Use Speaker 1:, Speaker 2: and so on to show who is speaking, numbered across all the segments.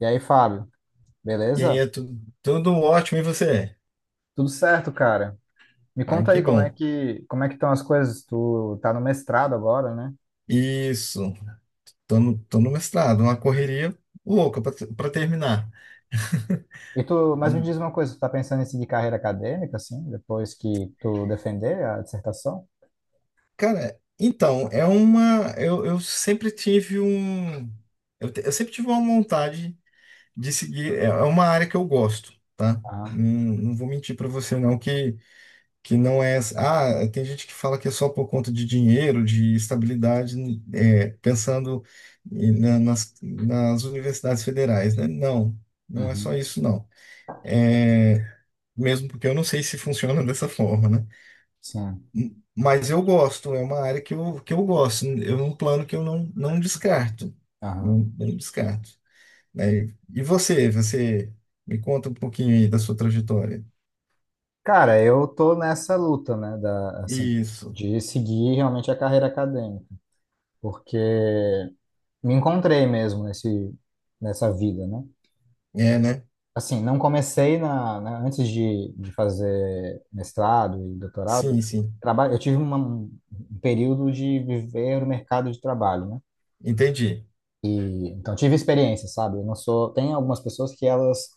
Speaker 1: E aí, Fábio,
Speaker 2: E aí,
Speaker 1: beleza?
Speaker 2: tudo ótimo, e você?
Speaker 1: Tudo certo, cara? Me
Speaker 2: Ah,
Speaker 1: conta
Speaker 2: que
Speaker 1: aí como é
Speaker 2: bom.
Speaker 1: que como é que estão as coisas? Tu tá no mestrado agora, né?
Speaker 2: Isso, tô no mestrado, uma correria louca para terminar.
Speaker 1: E tu, mas me
Speaker 2: Hum,
Speaker 1: diz uma coisa, tu tá pensando em seguir carreira acadêmica, assim, depois que tu defender a dissertação?
Speaker 2: Cara, então, é uma. Eu sempre tive um. Eu sempre tive uma vontade de seguir. É uma área que eu gosto, tá?
Speaker 1: Aham.
Speaker 2: Não, não vou mentir para você, não, que não é. Ah, tem gente que fala que é só por conta de dinheiro, de estabilidade, pensando nas universidades federais, né? Não, não é só
Speaker 1: Uhum.
Speaker 2: isso, não. É, mesmo porque eu não sei se funciona dessa forma, né?
Speaker 1: Sim.
Speaker 2: Mas eu gosto, é uma área que eu gosto, é um plano que eu não descarto, não,
Speaker 1: Aham.
Speaker 2: não descarto. Né? E você me conta um pouquinho aí da sua trajetória.
Speaker 1: Cara, eu tô nessa luta, né, da, assim,
Speaker 2: Isso,
Speaker 1: de seguir realmente a carreira acadêmica, porque me encontrei mesmo nesse nessa vida, né?
Speaker 2: é, né?
Speaker 1: Assim, não comecei na, antes de fazer mestrado e doutorado.
Speaker 2: Sim, sim,
Speaker 1: Trabalho, eu tive um período de viver o mercado de trabalho, né?
Speaker 2: entendi.
Speaker 1: E, então, tive experiência, sabe? Eu não sou. Tem algumas pessoas que elas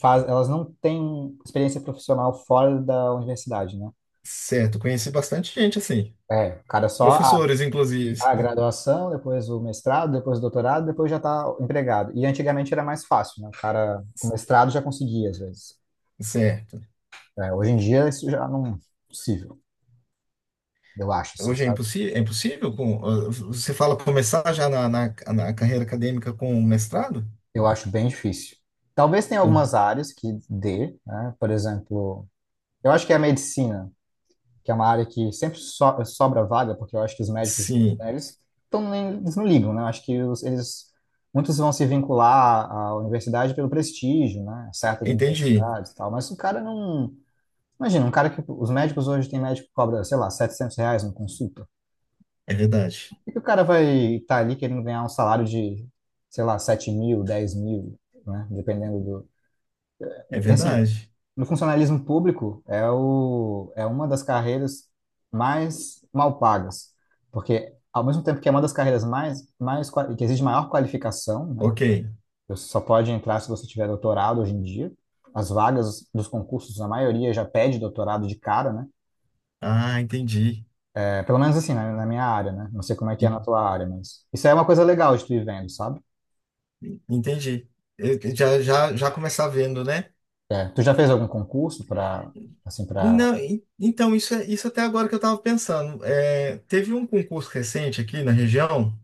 Speaker 1: faz, elas não têm experiência profissional fora da universidade, né?
Speaker 2: Certo, conheci bastante gente assim,
Speaker 1: É, o cara só a,
Speaker 2: professores inclusive.
Speaker 1: a graduação, depois o mestrado, depois o doutorado, depois já está empregado. E antigamente era mais fácil, né? O cara com mestrado já conseguia, às vezes.
Speaker 2: Certo.
Speaker 1: É, hoje em dia isso já não é possível. Eu acho, assim,
Speaker 2: Hoje
Speaker 1: sabe?
Speaker 2: é impossível com, você fala começar já na carreira acadêmica com um mestrado?
Speaker 1: Eu acho bem difícil. Talvez tenha
Speaker 2: En-
Speaker 1: algumas áreas que dê, né? Por exemplo, eu acho que a medicina, que é uma área que sempre sobra vaga, porque eu acho que os médicos,
Speaker 2: Sim,
Speaker 1: né, eles, tão, eles não ligam, né? Eu acho que eles, muitos vão se vincular à universidade pelo prestígio, né? Certas
Speaker 2: entendi.
Speaker 1: universidades e tal, mas o cara não... Imagina, um cara que... Os médicos hoje, tem médico que cobra, sei lá, R$ 700 uma consulta.
Speaker 2: É verdade.
Speaker 1: Por que o cara vai estar ali querendo ganhar um salário de, sei lá, 7.000, 10.000, né? Dependendo do.
Speaker 2: É
Speaker 1: E assim,
Speaker 2: verdade.
Speaker 1: no funcionalismo público é uma das carreiras mais mal pagas, porque ao mesmo tempo que é uma das carreiras mais que exige maior qualificação, né?
Speaker 2: Ok.
Speaker 1: Você só pode entrar se você tiver doutorado hoje em dia. As vagas dos concursos, a maioria já pede doutorado de cara, né?
Speaker 2: Ah, entendi.
Speaker 1: É, pelo menos assim, na minha área, né? Não sei como é que é na
Speaker 2: En-
Speaker 1: tua área, mas isso é uma coisa legal de tu ir vendo, sabe?
Speaker 2: Entendi. Eu já começar vendo, né?
Speaker 1: É. Tu já fez algum concurso para, assim, para...
Speaker 2: Não, então, isso, isso até agora que eu estava pensando. É, teve um concurso recente aqui na região.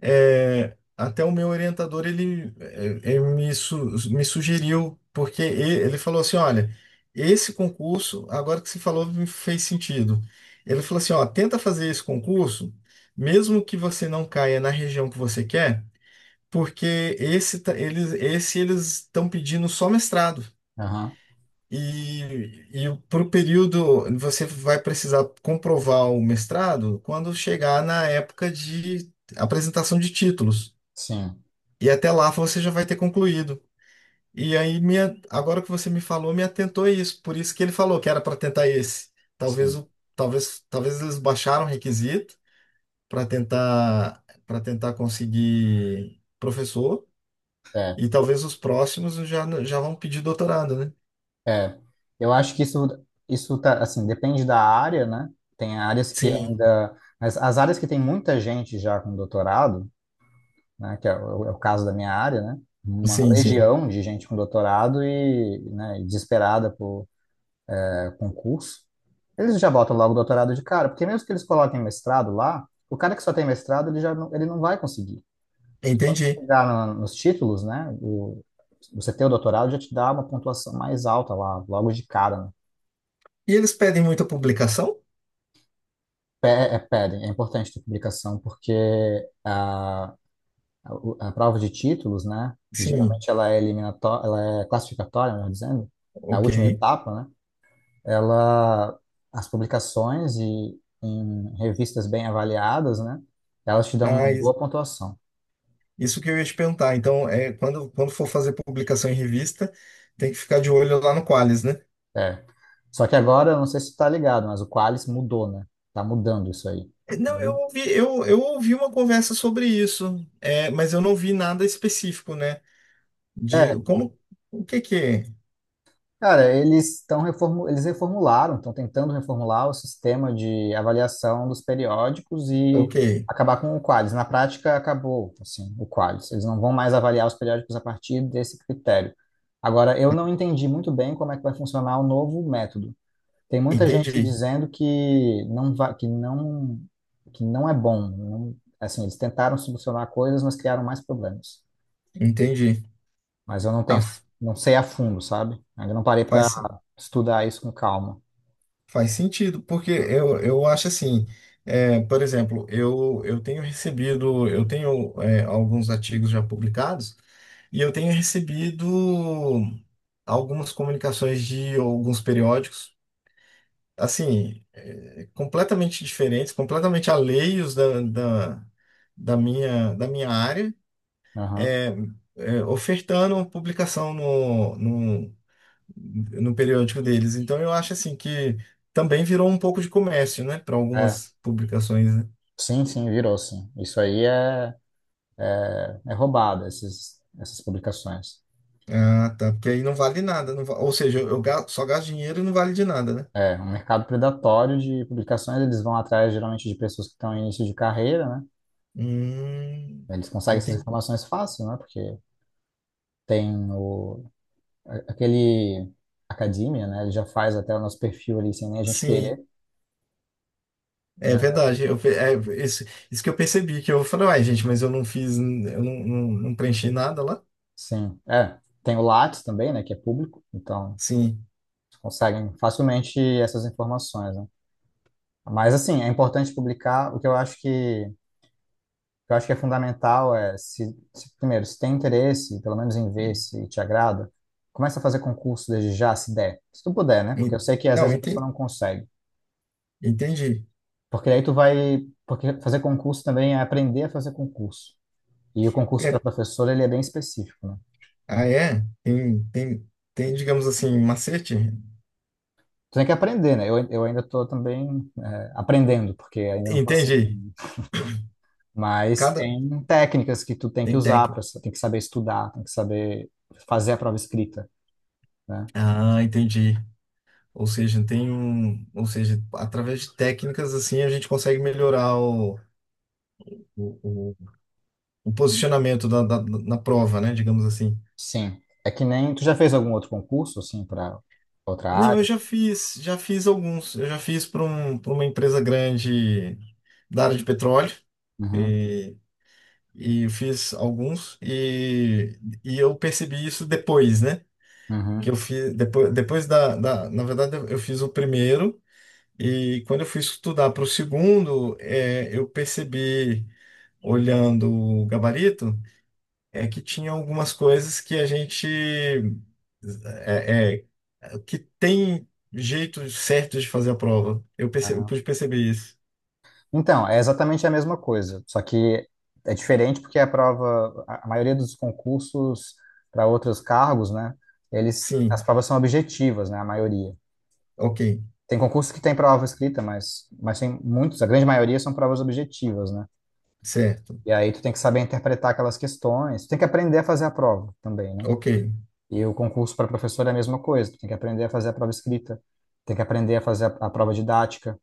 Speaker 2: É, até o meu orientador ele, me sugeriu, porque ele falou assim: olha, esse concurso, agora que você falou, me fez sentido. Ele falou assim: ó, tenta fazer esse concurso, mesmo que você não caia na região que você quer, porque esse tá- eles esse eles estão pedindo só mestrado.
Speaker 1: Aham,
Speaker 2: E, e para o período, você vai precisar comprovar o mestrado quando chegar na época de apresentação de títulos.
Speaker 1: sim,
Speaker 2: E até lá você já vai ter concluído. E aí, minha, agora que você me falou, me atentou a isso. Por isso que ele falou que era para tentar esse. Talvez,
Speaker 1: sim.
Speaker 2: o, talvez, talvez eles baixaram o requisito para tentar, conseguir professor.
Speaker 1: É,
Speaker 2: E talvez os próximos já vão pedir doutorado, né?
Speaker 1: é. Eu acho que isso tá, assim, depende da área, né? Tem áreas que
Speaker 2: Sim,
Speaker 1: ainda... As áreas que tem muita gente já com doutorado, né? Que é o caso da minha área, né? Uma
Speaker 2: sim, sim.
Speaker 1: legião de gente com doutorado e, né, e desesperada por concurso. Eles já botam logo o doutorado de cara, porque mesmo que eles coloquem mestrado lá, o cara que só tem mestrado, ele já não, ele não vai conseguir. Quando você
Speaker 2: Entendi.
Speaker 1: chegar nos títulos, né? Você ter o doutorado já te dá uma pontuação mais alta lá, logo de cara, né?
Speaker 2: E eles pedem muita publicação?
Speaker 1: É, pedem, é importante ter publicação, porque a, a prova de títulos, né?
Speaker 2: Sim,
Speaker 1: Geralmente ela é eliminatória, ela é classificatória, melhor dizendo, é a
Speaker 2: ok.
Speaker 1: última etapa, né? Ela, as publicações e em revistas bem avaliadas, né? Elas te dão uma
Speaker 2: Ah,
Speaker 1: boa pontuação.
Speaker 2: isso que eu ia te perguntar. Então, quando for fazer publicação em revista, tem que ficar de olho lá no Qualis, né?
Speaker 1: É. Só que agora, eu não sei se tu tá ligado, mas o Qualis mudou, né? Tá mudando isso aí.
Speaker 2: Não, eu
Speaker 1: Uhum.
Speaker 2: ouvi, eu, eu ouvi uma conversa sobre isso, mas eu não vi nada específico, né? De
Speaker 1: É,
Speaker 2: como, o que que é?
Speaker 1: cara, eles estão eles reformularam, estão tentando reformular o sistema de avaliação dos periódicos
Speaker 2: Ok,
Speaker 1: e acabar com o Qualis. Na prática, acabou, assim, o Qualis. Eles não vão mais avaliar os periódicos a partir desse critério. Agora, eu não entendi muito bem como é que vai funcionar o novo método. Tem muita gente
Speaker 2: entendi,
Speaker 1: dizendo que não vai, que não é bom. Assim, eles tentaram solucionar coisas, mas criaram mais problemas.
Speaker 2: entendi.
Speaker 1: Mas eu não tenho,
Speaker 2: Ah,
Speaker 1: não sei a fundo, sabe? Ainda não parei para
Speaker 2: faz,
Speaker 1: estudar isso com calma.
Speaker 2: faz sentido, porque eu acho assim, por exemplo, eu tenho recebido, eu tenho alguns artigos já publicados e eu tenho recebido algumas comunicações de alguns periódicos, assim, completamente diferentes, completamente alheios da minha área,
Speaker 1: Aham.
Speaker 2: é, ofertando publicação no periódico deles. Então eu acho assim que também virou um pouco de comércio, né, para
Speaker 1: É.
Speaker 2: algumas publicações, né?
Speaker 1: Sim, sim, virou sim. Isso aí é roubado, essas publicações.
Speaker 2: Ah, tá, porque aí não vale nada, não va- ou seja, eu só gasto dinheiro e não vale de nada, né?
Speaker 1: É, um mercado predatório de publicações, eles vão atrás geralmente de pessoas que estão em início de carreira, né?
Speaker 2: Hum,
Speaker 1: Eles conseguem essas
Speaker 2: Entendi.
Speaker 1: informações fácil, né? Porque tem aquele academia, né? Ele já faz até o nosso perfil ali sem nem a gente
Speaker 2: Sim,
Speaker 1: querer,
Speaker 2: é
Speaker 1: né?
Speaker 2: verdade. Eu, pe- é, isso, isso que eu percebi, que eu falei, uai, gente, mas eu não fiz, eu não preenchi nada lá.
Speaker 1: Sim, é. Tem o Lattes também, né? Que é público, então
Speaker 2: Sim.
Speaker 1: eles conseguem facilmente essas informações, né? Mas assim, é importante publicar. O que eu acho que eu acho que é fundamental é se, primeiro se tem interesse, pelo menos em ver se te agrada, começa a fazer concurso desde já, se der, se tu puder, né? Porque eu
Speaker 2: En-
Speaker 1: sei que às
Speaker 2: Não,
Speaker 1: vezes a pessoa não consegue,
Speaker 2: entendi,
Speaker 1: porque aí tu vai, porque fazer concurso também é aprender a fazer concurso. E o concurso para
Speaker 2: É,
Speaker 1: professor, ele é bem específico, né?
Speaker 2: ah, é? Tem, digamos assim, um macete?
Speaker 1: Tu tem que aprender, né? Eu ainda estou também aprendendo, porque ainda não passei,
Speaker 2: Entendi.
Speaker 1: né? Mas
Speaker 2: Cada,
Speaker 1: tem técnicas que tu tem que
Speaker 2: Tem
Speaker 1: usar,
Speaker 2: técnica.
Speaker 1: pra, tem que saber estudar, tem que saber fazer a prova escrita, né?
Speaker 2: Ah, entendi. Ou seja, ou seja, através de técnicas assim a gente consegue melhorar o, o- o posicionamento na prova, né? Digamos assim.
Speaker 1: Sim. É que nem... Tu já fez algum outro concurso, assim, para outra
Speaker 2: Não, eu
Speaker 1: área?
Speaker 2: já fiz alguns. Eu já fiz para uma empresa grande da área de petróleo
Speaker 1: Uhum,
Speaker 2: e, e eu fiz alguns e eu percebi isso depois, né? Que
Speaker 1: uhum.
Speaker 2: eu fiz depois na verdade eu fiz o primeiro. E quando eu fui estudar para o segundo, eu percebi, olhando o gabarito, é que tinha algumas coisas que a gente que tem jeito certo de fazer a prova. Eu
Speaker 1: Ah.
Speaker 2: pude perceber isso.
Speaker 1: Então, é exatamente a mesma coisa, só que é diferente porque a prova, a maioria dos concursos para outros cargos, né, eles, as
Speaker 2: Sim,
Speaker 1: provas são objetivas, né, a maioria.
Speaker 2: ok,
Speaker 1: Tem concursos que tem prova escrita, mas tem muitos, a grande maioria são provas objetivas, né?
Speaker 2: certo,
Speaker 1: E aí tu tem que saber interpretar aquelas questões, tu tem que aprender a fazer a prova também, né?
Speaker 2: ok.
Speaker 1: E o concurso para professor é a mesma coisa, tu tem que aprender a fazer a prova escrita, tem que aprender a fazer a prova didática,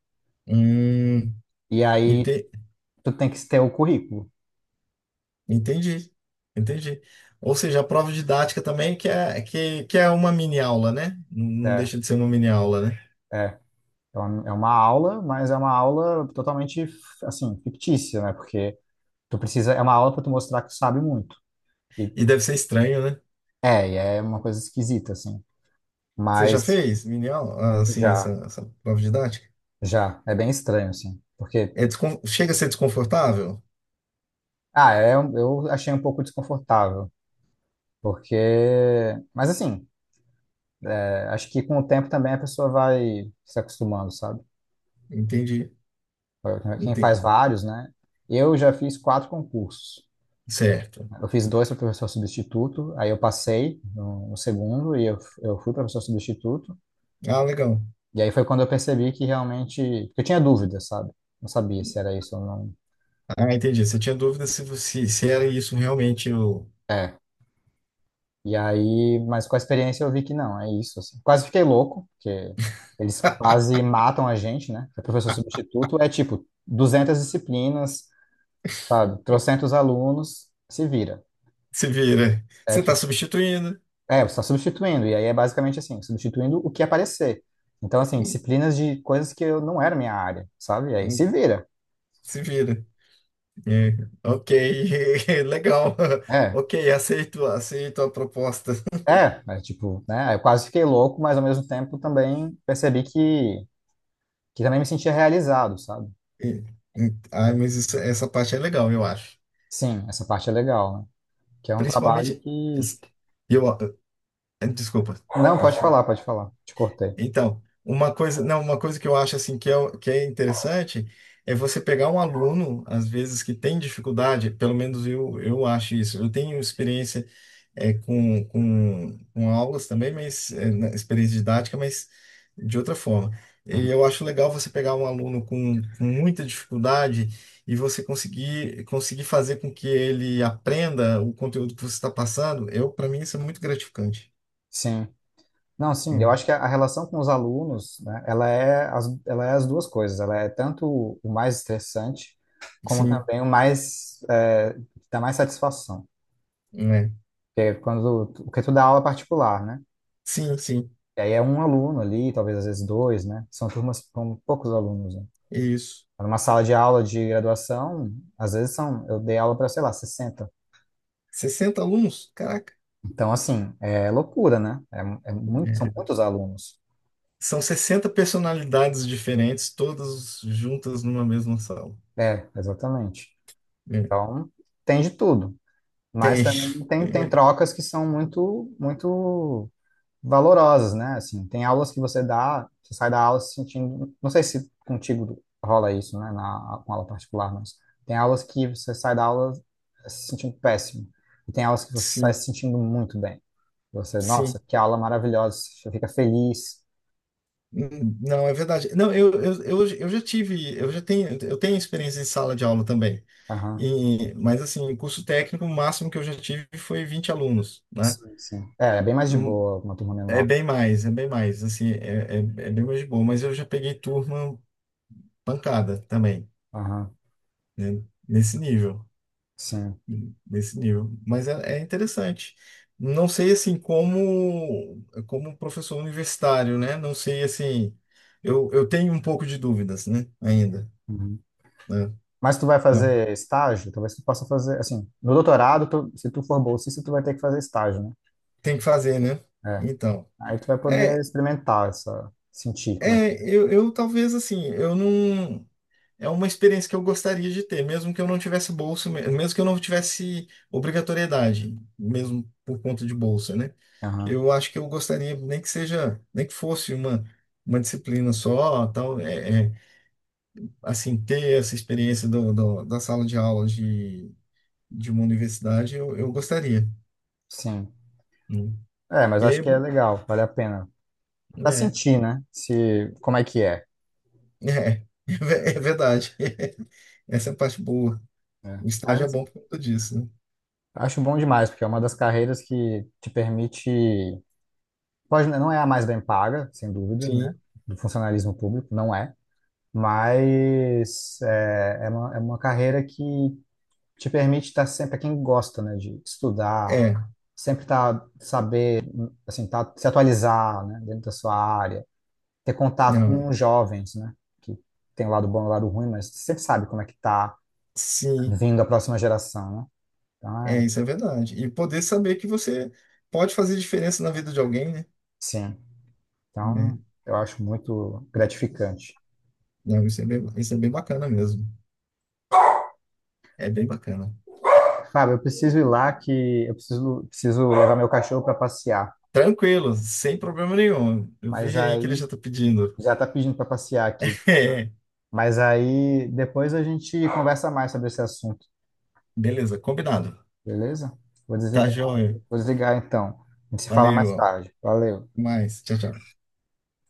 Speaker 2: Hum,
Speaker 1: e aí
Speaker 2: ente-
Speaker 1: tu tem que ter o currículo,
Speaker 2: entendi, entendi. Ou seja, a prova didática também, que é, que é uma mini aula, né? Não
Speaker 1: é.
Speaker 2: deixa de ser uma mini aula, né?
Speaker 1: É. É uma aula, mas é uma aula totalmente, assim, fictícia, né? Porque tu precisa, é uma aula para tu mostrar que tu sabe muito. E
Speaker 2: E deve ser estranho, né?
Speaker 1: e é uma coisa esquisita, assim.
Speaker 2: Você já
Speaker 1: Mas
Speaker 2: fez mini aula, assim, essa,
Speaker 1: já,
Speaker 2: essa prova didática?
Speaker 1: já, é bem estranho, assim. Porque,
Speaker 2: Chega a ser desconfortável?
Speaker 1: eu achei um pouco desconfortável. Porque, mas assim, acho que com o tempo também a pessoa vai se acostumando, sabe?
Speaker 2: Entendi.
Speaker 1: Quem faz
Speaker 2: Entendi.
Speaker 1: vários, né? Eu já fiz quatro concursos.
Speaker 2: Certo.
Speaker 1: Eu fiz dois para professor substituto, aí eu passei no segundo e eu fui professor substituto.
Speaker 2: Ah, legal.
Speaker 1: E aí foi quando eu percebi que realmente. Porque eu tinha dúvidas, sabe? Não sabia se era isso ou não.
Speaker 2: Ah, entendi. Você tinha dúvida se era isso realmente o...
Speaker 1: É. E aí, mas com a experiência eu vi que não, é isso, assim. Quase fiquei louco, porque eles quase matam a gente, né? O professor substituto é tipo 200 disciplinas, sabe? Trocentos alunos, se vira.
Speaker 2: Se vira.
Speaker 1: É.
Speaker 2: Você está substituindo.
Speaker 1: É, você está substituindo, e aí é basicamente assim, substituindo o que aparecer. Então, assim,
Speaker 2: Hum,
Speaker 1: disciplinas de coisas que eu não era minha área, sabe? E aí se
Speaker 2: hum,
Speaker 1: vira.
Speaker 2: Se vira. É, ok. Legal.
Speaker 1: É,
Speaker 2: Ok, aceito, aceito a proposta.
Speaker 1: é tipo, né? Eu quase fiquei louco, mas ao mesmo tempo também percebi que também me sentia realizado, sabe?
Speaker 2: E- Ah, mas essa parte é legal, eu acho.
Speaker 1: Sim, essa parte é legal, né? Que é um trabalho
Speaker 2: Principalmente...
Speaker 1: que.
Speaker 2: Eu... Desculpa.
Speaker 1: Não,
Speaker 2: Pode
Speaker 1: pode
Speaker 2: falar.
Speaker 1: falar, pode falar. Te cortei.
Speaker 2: Então, uma coisa, não, uma coisa que eu acho assim que é, que é interessante é você pegar um aluno, às vezes, que tem dificuldade, pelo menos eu acho isso. Eu tenho experiência com aulas também, mas experiência didática, mas de outra forma. E
Speaker 1: Uhum.
Speaker 2: eu acho legal você pegar um aluno com muita dificuldade e você conseguir fazer com que ele aprenda o conteúdo que você está passando. Para mim, isso é muito gratificante.
Speaker 1: Sim. Não, sim, eu
Speaker 2: Né?
Speaker 1: acho que a relação com os alunos, né, ela é as, duas coisas. Ela é tanto o mais estressante, como
Speaker 2: Sim,
Speaker 1: também o mais, que dá mais satisfação.
Speaker 2: né?
Speaker 1: Porque é quando, porque tu dá aula particular, né?
Speaker 2: Sim, sim.
Speaker 1: E aí é um aluno ali, talvez às vezes dois, né? São turmas com poucos alunos, né?
Speaker 2: Isso.
Speaker 1: Numa sala de aula de graduação, às vezes são, eu dei aula para, sei lá, 60.
Speaker 2: 60 alunos? Caraca.
Speaker 1: Então, assim, é loucura, né? É muito, são
Speaker 2: É,
Speaker 1: muitos alunos.
Speaker 2: são 60 personalidades diferentes, todas juntas numa mesma sala.
Speaker 1: É, exatamente.
Speaker 2: É.
Speaker 1: Então, tem de tudo. Mas
Speaker 2: Tem.
Speaker 1: também tem trocas que são muito, muito valorosas, né? Assim, tem aulas que você dá, você sai da aula se sentindo. Não sei se contigo rola isso, né? Com aula particular, mas tem aulas que você sai da aula se sentindo péssimo. E tem aulas que você sai
Speaker 2: Sim,
Speaker 1: se sentindo muito bem. Você,
Speaker 2: sim.
Speaker 1: nossa, que aula maravilhosa, você fica feliz.
Speaker 2: Não, é verdade. Não, eu já tive, eu já tenho, eu tenho experiência em sala de aula também.
Speaker 1: Aham.
Speaker 2: E, mas assim, em curso técnico, o máximo que eu já tive foi 20 alunos, né?
Speaker 1: Sim, sim. É bem mais de
Speaker 2: Hum.
Speaker 1: boa uma turma menor.
Speaker 2: É bem mais, assim, é bem mais de boa, mas eu já peguei turma pancada também,
Speaker 1: Aham.
Speaker 2: né? Nesse nível.
Speaker 1: Sim.
Speaker 2: Nesse nível. Mas é interessante. Não sei assim como professor universitário, né? Não sei assim. Eu tenho um pouco de dúvidas, né? Ainda,
Speaker 1: Uhum.
Speaker 2: né?
Speaker 1: Mas tu vai
Speaker 2: Mas
Speaker 1: fazer estágio? Talvez tu possa fazer, assim, no doutorado, se tu for bolsista, tu vai ter que fazer estágio, né?
Speaker 2: tem que fazer, né?
Speaker 1: É.
Speaker 2: Então,
Speaker 1: Aí tu vai poder
Speaker 2: é,
Speaker 1: experimentar essa, sentir como é que é.
Speaker 2: eu talvez assim, eu não. É uma experiência que eu gostaria de ter, mesmo que eu não tivesse bolsa, mesmo que eu não tivesse obrigatoriedade, mesmo por conta de bolsa, né?
Speaker 1: Aham,
Speaker 2: Eu acho que eu gostaria, nem que seja, nem que fosse uma disciplina só, tal, assim, ter essa experiência da sala de aula de uma universidade, eu gostaria.
Speaker 1: sim.
Speaker 2: Né?
Speaker 1: É, mas
Speaker 2: E
Speaker 1: acho
Speaker 2: aí,
Speaker 1: que é legal, vale a pena. Pra
Speaker 2: é,
Speaker 1: sentir, né? Se, Como é que é.
Speaker 2: é verdade. Essa é a parte boa.
Speaker 1: É.
Speaker 2: O
Speaker 1: Mas
Speaker 2: estágio é bom
Speaker 1: assim,
Speaker 2: por conta disso, né?
Speaker 1: acho bom demais, porque é uma das carreiras que te permite, pode, não é a mais bem paga, sem dúvida, né?
Speaker 2: Sim,
Speaker 1: Do funcionalismo público, não é. Mas é uma carreira que te permite estar sempre, para quem gosta, né, de estudar,
Speaker 2: é,
Speaker 1: sempre tá, saber, assim, tá, se atualizar, né, dentro da sua área, ter contato
Speaker 2: não é.
Speaker 1: com jovens, né, que tem o lado bom e o lado ruim, mas sempre sabe como é que tá
Speaker 2: Sim.
Speaker 1: vindo a próxima geração, né? Então,
Speaker 2: É, isso é verdade. E poder saber que você pode fazer diferença na vida de alguém, né?
Speaker 1: sim.
Speaker 2: Né?
Speaker 1: Então, eu acho muito gratificante.
Speaker 2: Não, isso é bem bacana mesmo. É bem bacana.
Speaker 1: Fábio, eu preciso ir lá que eu preciso levar meu cachorro para passear,
Speaker 2: Tranquilo, sem problema nenhum. Eu vi
Speaker 1: mas
Speaker 2: aí que ele
Speaker 1: aí
Speaker 2: já tá pedindo.
Speaker 1: já tá pedindo para passear aqui.
Speaker 2: É,
Speaker 1: Mas aí depois a gente conversa mais sobre esse assunto.
Speaker 2: beleza, combinado.
Speaker 1: Beleza? Vou
Speaker 2: Tá
Speaker 1: desligar,
Speaker 2: joia.
Speaker 1: vou desligar então. A gente se fala mais
Speaker 2: Valeu. Até
Speaker 1: tarde. Valeu.
Speaker 2: mais. Tchau, tchau.